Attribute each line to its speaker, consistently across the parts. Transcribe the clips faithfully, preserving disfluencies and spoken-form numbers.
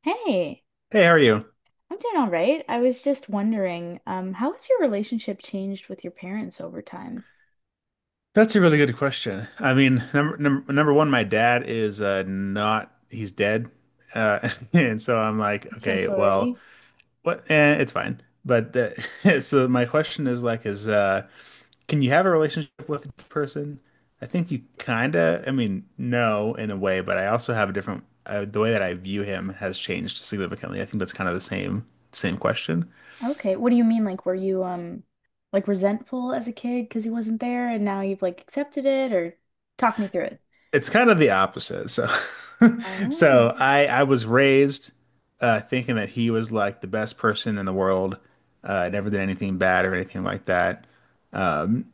Speaker 1: Hey,
Speaker 2: Hey, how are you?
Speaker 1: I'm doing all right. I was just wondering, um, how has your relationship changed with your parents over time?
Speaker 2: That's a really good question. I mean, number number, number one, my dad is uh not he's dead. Uh and so I'm like,
Speaker 1: I'm so
Speaker 2: okay, well,
Speaker 1: sorry.
Speaker 2: what eh, it's fine. But uh, so my question is like is uh can you have a relationship with this person? I think you kind of, I mean, no in a way, but I also have a different uh, the way that I view him has changed significantly. I think that's kind of the same same question.
Speaker 1: Okay, what do you mean? Like, were you um, like resentful as a kid because he wasn't there, and now you've like accepted it, or talk me through it?
Speaker 2: It's kind of the opposite. So,
Speaker 1: Oh,
Speaker 2: so I I was raised uh, thinking that he was like the best person in the world. Uh, never did anything bad or anything like that. Um,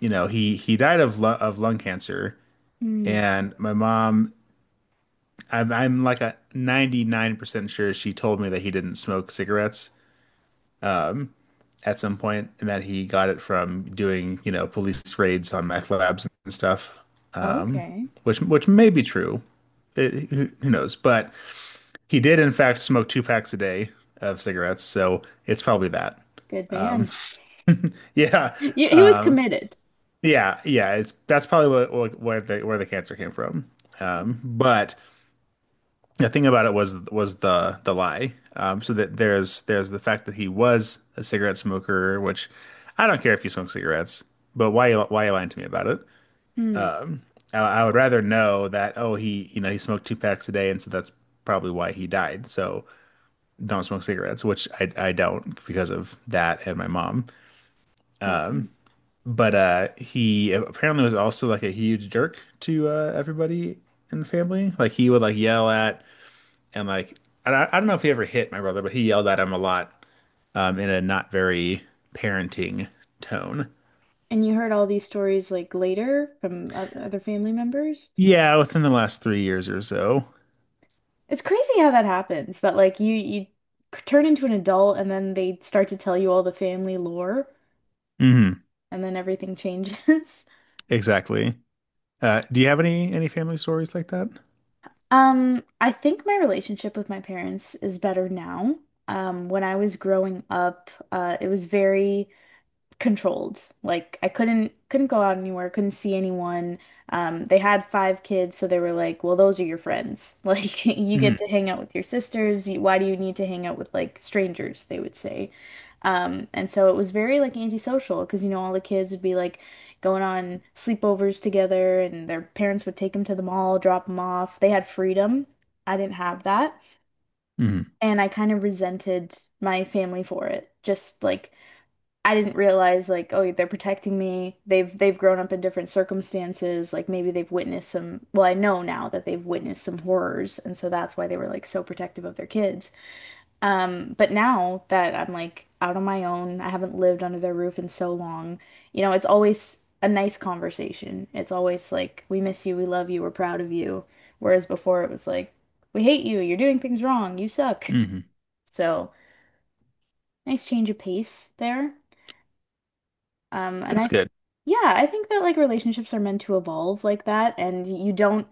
Speaker 2: you know, he he died of lu of lung cancer,
Speaker 1: hmm.
Speaker 2: and my mom, I'm I'm like a ninety-nine percent sure she told me that he didn't smoke cigarettes at some point, and that he got it from doing, you know, police raids on meth labs and stuff,
Speaker 1: Okay,
Speaker 2: which which may be true. It, who who knows? But he did, in fact, smoke two packs a day of cigarettes, so it's probably that.
Speaker 1: good man.
Speaker 2: Yeah,
Speaker 1: You, he was committed.
Speaker 2: yeah, yeah. It's That's probably what, what where the where the cancer came from. But the thing about it was was the the lie. Um, so that there's there's the fact that he was a cigarette smoker, which I don't care if you smoke cigarettes, but why why are you lying to me about it?
Speaker 1: Hmm.
Speaker 2: I, I would rather know that, oh, he, you know, he smoked two packs a day, and so that's probably why he died. So don't smoke cigarettes, which I I don't because of that and my mom.
Speaker 1: Wow.
Speaker 2: But uh, he apparently was also like a huge jerk to uh, everybody in the family. Like he would like yell at and like and I, I don't know if he ever hit my brother, but he yelled at him a lot um, in a not very parenting tone.
Speaker 1: And you heard all these stories like later from oth- other family members?
Speaker 2: Yeah, within the last three years or so.
Speaker 1: It's crazy how that happens, that like you you c- turn into an adult and then they start to tell you all the family lore
Speaker 2: Hmm.
Speaker 1: and then everything changes.
Speaker 2: Exactly. Uh, do you have any any family stories like that?
Speaker 1: Um, I think my relationship with my parents is better now. Um, when I was growing up, uh, it was very controlled. Like I couldn't couldn't go out anywhere, couldn't see anyone. Um, they had five kids, so they were like, "Well, those are your friends. Like you
Speaker 2: Hmm.
Speaker 1: get to hang out with your sisters. You- Why do you need to hang out with like strangers?" they would say. Um, and so it was very like antisocial because you know all the kids would be like going on sleepovers together, and their parents would take them to the mall, drop them off. They had freedom. I didn't have that.
Speaker 2: Hmm.
Speaker 1: And I kind of resented my family for it. Just like I didn't realize like, oh, they're protecting me. They've they've grown up in different circumstances. Like maybe they've witnessed some, well, I know now that they've witnessed some horrors, and so that's why they were like so protective of their kids. Um, but now that I'm like out on my own, I haven't lived under their roof in so long, you know, it's always a nice conversation. It's always like, we miss you, we love you, we're proud of you. Whereas before it was like, we hate you, you're doing things wrong, you suck.
Speaker 2: Hmm.
Speaker 1: So, nice change of pace there. Um, and
Speaker 2: That's
Speaker 1: I
Speaker 2: good.
Speaker 1: Yeah, I think that like relationships are meant to evolve like that, and you don't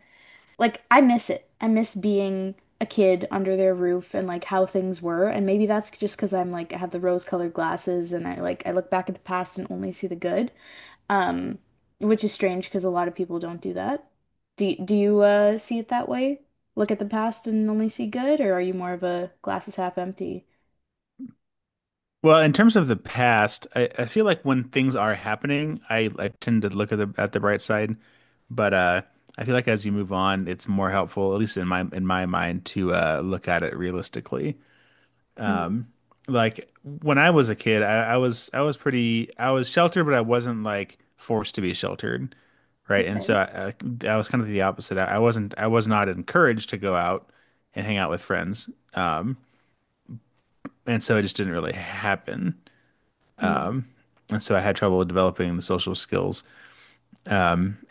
Speaker 1: like I miss it. I miss being a kid under their roof and like how things were, and maybe that's just because I'm like I have the rose-colored glasses and I like I look back at the past and only see the good. Um, which is strange because a lot of people don't do that. Do y- do you uh see it that way? Look at the past and only see good, or are you more of a glasses half empty?
Speaker 2: Well, in terms of the past, I, I feel like when things are happening, I, I tend to look at the at the bright side. But uh, I feel like as you move on, it's more helpful, at least in my in my mind, to uh, look at it realistically.
Speaker 1: Mm,
Speaker 2: Like when I was a kid, I, I was I was pretty I was sheltered, but I wasn't like forced to be sheltered, right? And so
Speaker 1: okay.
Speaker 2: I, I, I was kind of the opposite. I, I wasn't I was not encouraged to go out and hang out with friends, and so it just didn't really happen.
Speaker 1: Mm.
Speaker 2: And so I had trouble developing the social skills.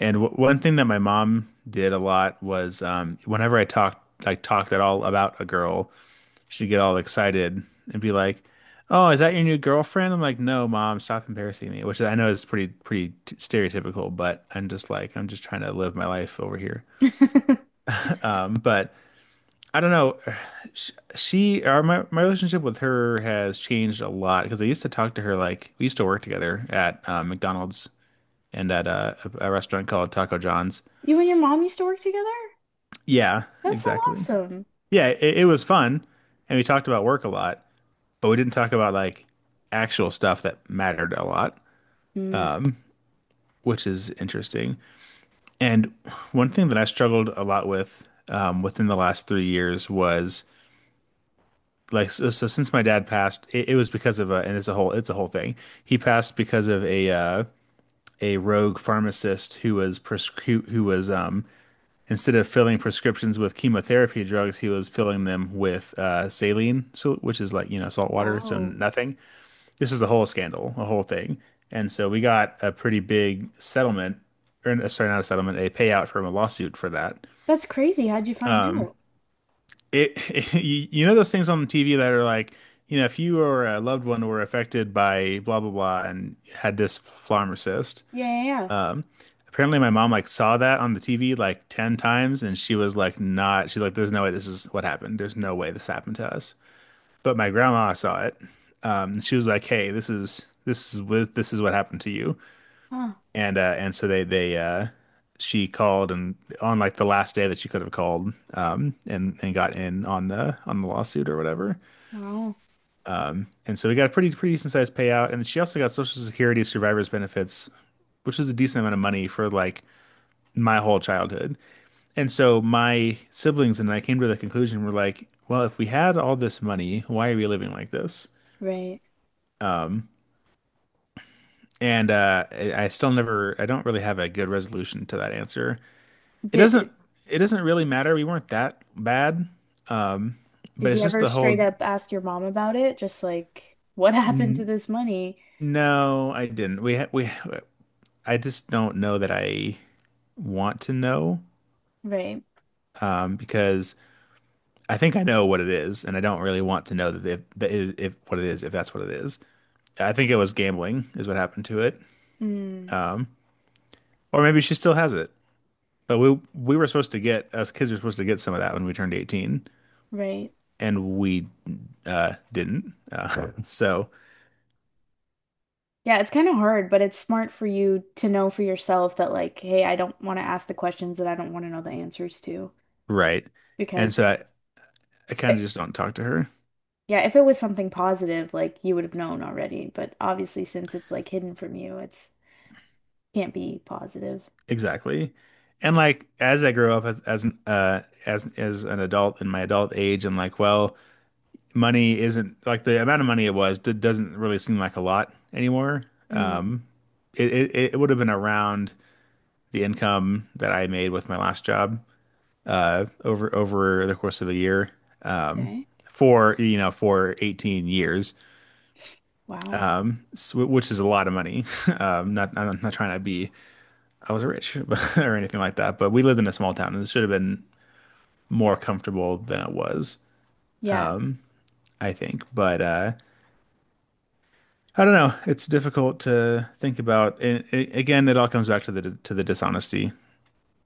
Speaker 2: And w one thing that my mom did a lot was um, whenever I talked like talked at all about a girl, she'd get all excited and be like, "Oh, is that your new girlfriend?" I'm like, "No, mom, stop embarrassing me," which I know is pretty pretty t stereotypical, but I'm just like I'm just trying to live my life over here. Um, but I don't know. She or my my relationship with her has changed a lot because I used to talk to her like we used to work together at uh, McDonald's and at uh, a, a restaurant called Taco John's.
Speaker 1: You and your mom used to work together?
Speaker 2: Yeah,
Speaker 1: That's so
Speaker 2: exactly.
Speaker 1: awesome.
Speaker 2: Yeah, it, it was fun, and we talked about work a lot, but we didn't talk about like actual stuff that mattered a lot,
Speaker 1: Mm.
Speaker 2: which is interesting. And one thing that I struggled a lot with um, within the last three years was like so, so since my dad passed, it, it was because of a and it's a whole it's a whole thing. He passed because of a uh, a rogue pharmacist who was pres- who, who was um, instead of filling prescriptions with chemotherapy drugs, he was filling them with uh, saline, so which is like, you know, salt water, so
Speaker 1: Wow.
Speaker 2: nothing. This is a whole scandal, a whole thing. And so we got a pretty big settlement, or uh, sorry, not a settlement, a payout from a lawsuit for that.
Speaker 1: That's crazy. How'd you find out?
Speaker 2: It, you you know those things on T V that are like, you know, if you or a loved one were affected by blah blah blah and had this flammar cyst.
Speaker 1: Yeah, yeah, yeah.
Speaker 2: Apparently, my mom like saw that on the T V like ten times and she was like not, she's like, there's no way this is what happened. There's no way this happened to us. But my grandma saw it. Um, and she was like, hey, this is this is with this is what happened to you.
Speaker 1: Huh.
Speaker 2: And uh and So they they uh she called and on like the last day that she could have called, um and and got in on the on the lawsuit or whatever,
Speaker 1: Wow.
Speaker 2: and so we got a pretty pretty decent sized payout, and she also got social security survivors benefits, which was a decent amount of money for like my whole childhood. And so my siblings and I came to the conclusion. We're like, well, if we had all this money, why are we living like this?
Speaker 1: Right.
Speaker 2: Um and uh I I still never, I don't really have a good resolution to that answer. It doesn't,
Speaker 1: Did
Speaker 2: it doesn't really matter. We weren't that bad. Um, but
Speaker 1: did you
Speaker 2: it's just
Speaker 1: ever
Speaker 2: the
Speaker 1: straight
Speaker 2: whole
Speaker 1: up ask your mom about it? Just like, what happened to
Speaker 2: n-
Speaker 1: this money?
Speaker 2: no, I didn't. We ha- we I just don't know that I want to know,
Speaker 1: Right.
Speaker 2: um because I think I know what it is and I don't really want to know that if, that it, if what it is, if that's what it is. I think it was gambling is what happened to it.
Speaker 1: Mm,
Speaker 2: Or maybe she still has it. But we we were supposed to get us kids were supposed to get some of that when we turned eighteen,
Speaker 1: right.
Speaker 2: and we uh didn't. Uh, so
Speaker 1: Yeah, it's kind of hard, but it's smart for you to know for yourself that like, hey, I don't want to ask the questions that I don't want to know the answers to.
Speaker 2: right. And
Speaker 1: Because
Speaker 2: so I, I kind
Speaker 1: it,
Speaker 2: of just don't talk to her.
Speaker 1: yeah, if it was something positive, like you would have known already. But obviously, since it's like hidden from you, it's can't be positive.
Speaker 2: Exactly. And like as I grow up as as an uh as as an adult in my adult age, I'm like, well, money isn't like, the amount of money it was d doesn't really seem like a lot anymore.
Speaker 1: Mm,
Speaker 2: Um, it it, it would have been around the income that I made with my last job over over the course of a year
Speaker 1: okay.
Speaker 2: for, you know, for eighteen years,
Speaker 1: Wow.
Speaker 2: s- which is a lot of money. Um, not, I'm not trying to be, I was rich or anything like that, but we lived in a small town and it should have been more comfortable than it was,
Speaker 1: Yeah,
Speaker 2: I think. But uh, I don't know. It's difficult to think about. And it, again, it all comes back to the to the dishonesty.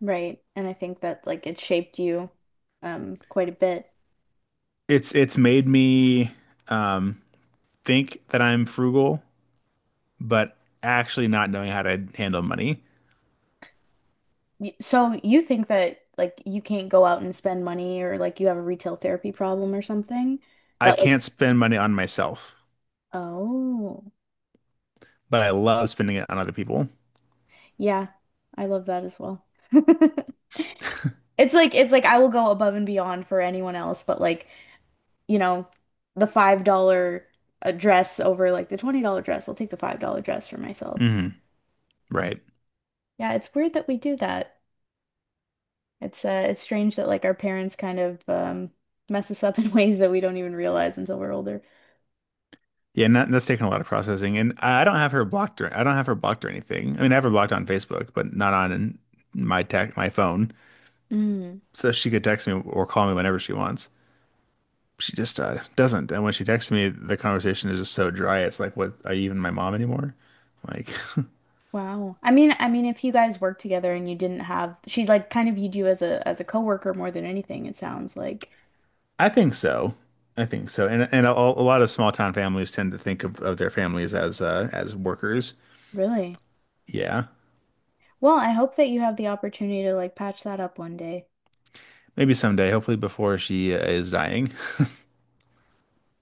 Speaker 1: right. And I think that like it shaped you um quite a bit.
Speaker 2: It's it's made me um, think that I'm frugal, but actually not knowing how to handle money.
Speaker 1: Y- So you think that like you can't go out and spend money or like you have a retail therapy problem or something?
Speaker 2: I
Speaker 1: That like
Speaker 2: can't spend money on myself,
Speaker 1: oh.
Speaker 2: but I love spending it on other people.
Speaker 1: Yeah. I love that as well. It's like it's like I will go above and beyond for anyone else, but like, you know, the five dollar uh, dress over like the twenty dollar dress. I'll take the five dollar dress for myself.
Speaker 2: Hmm. Right.
Speaker 1: Yeah, it's weird that we do that. It's uh it's strange that like our parents kind of um mess us up in ways that we don't even realize until we're older.
Speaker 2: Yeah, and that, that's taken a lot of processing, and I don't have her blocked or I don't have her blocked or anything. I mean, I have her blocked on Facebook, but not on my tech, my phone.
Speaker 1: Mm,
Speaker 2: So she could text me or call me whenever she wants. She just uh, doesn't. And when she texts me, the conversation is just so dry. It's like, what, are you even my mom anymore? Like,
Speaker 1: wow. I mean, I mean if you guys work together and you didn't have she like kind of viewed you as a as a coworker more than anything, it sounds like.
Speaker 2: I think so. I think so. And and a, a lot of small town families tend to think of, of their families as uh, as workers.
Speaker 1: Really?
Speaker 2: Yeah.
Speaker 1: Well, I hope that you have the opportunity to like patch that up one day.
Speaker 2: Maybe someday, hopefully before she uh, is dying.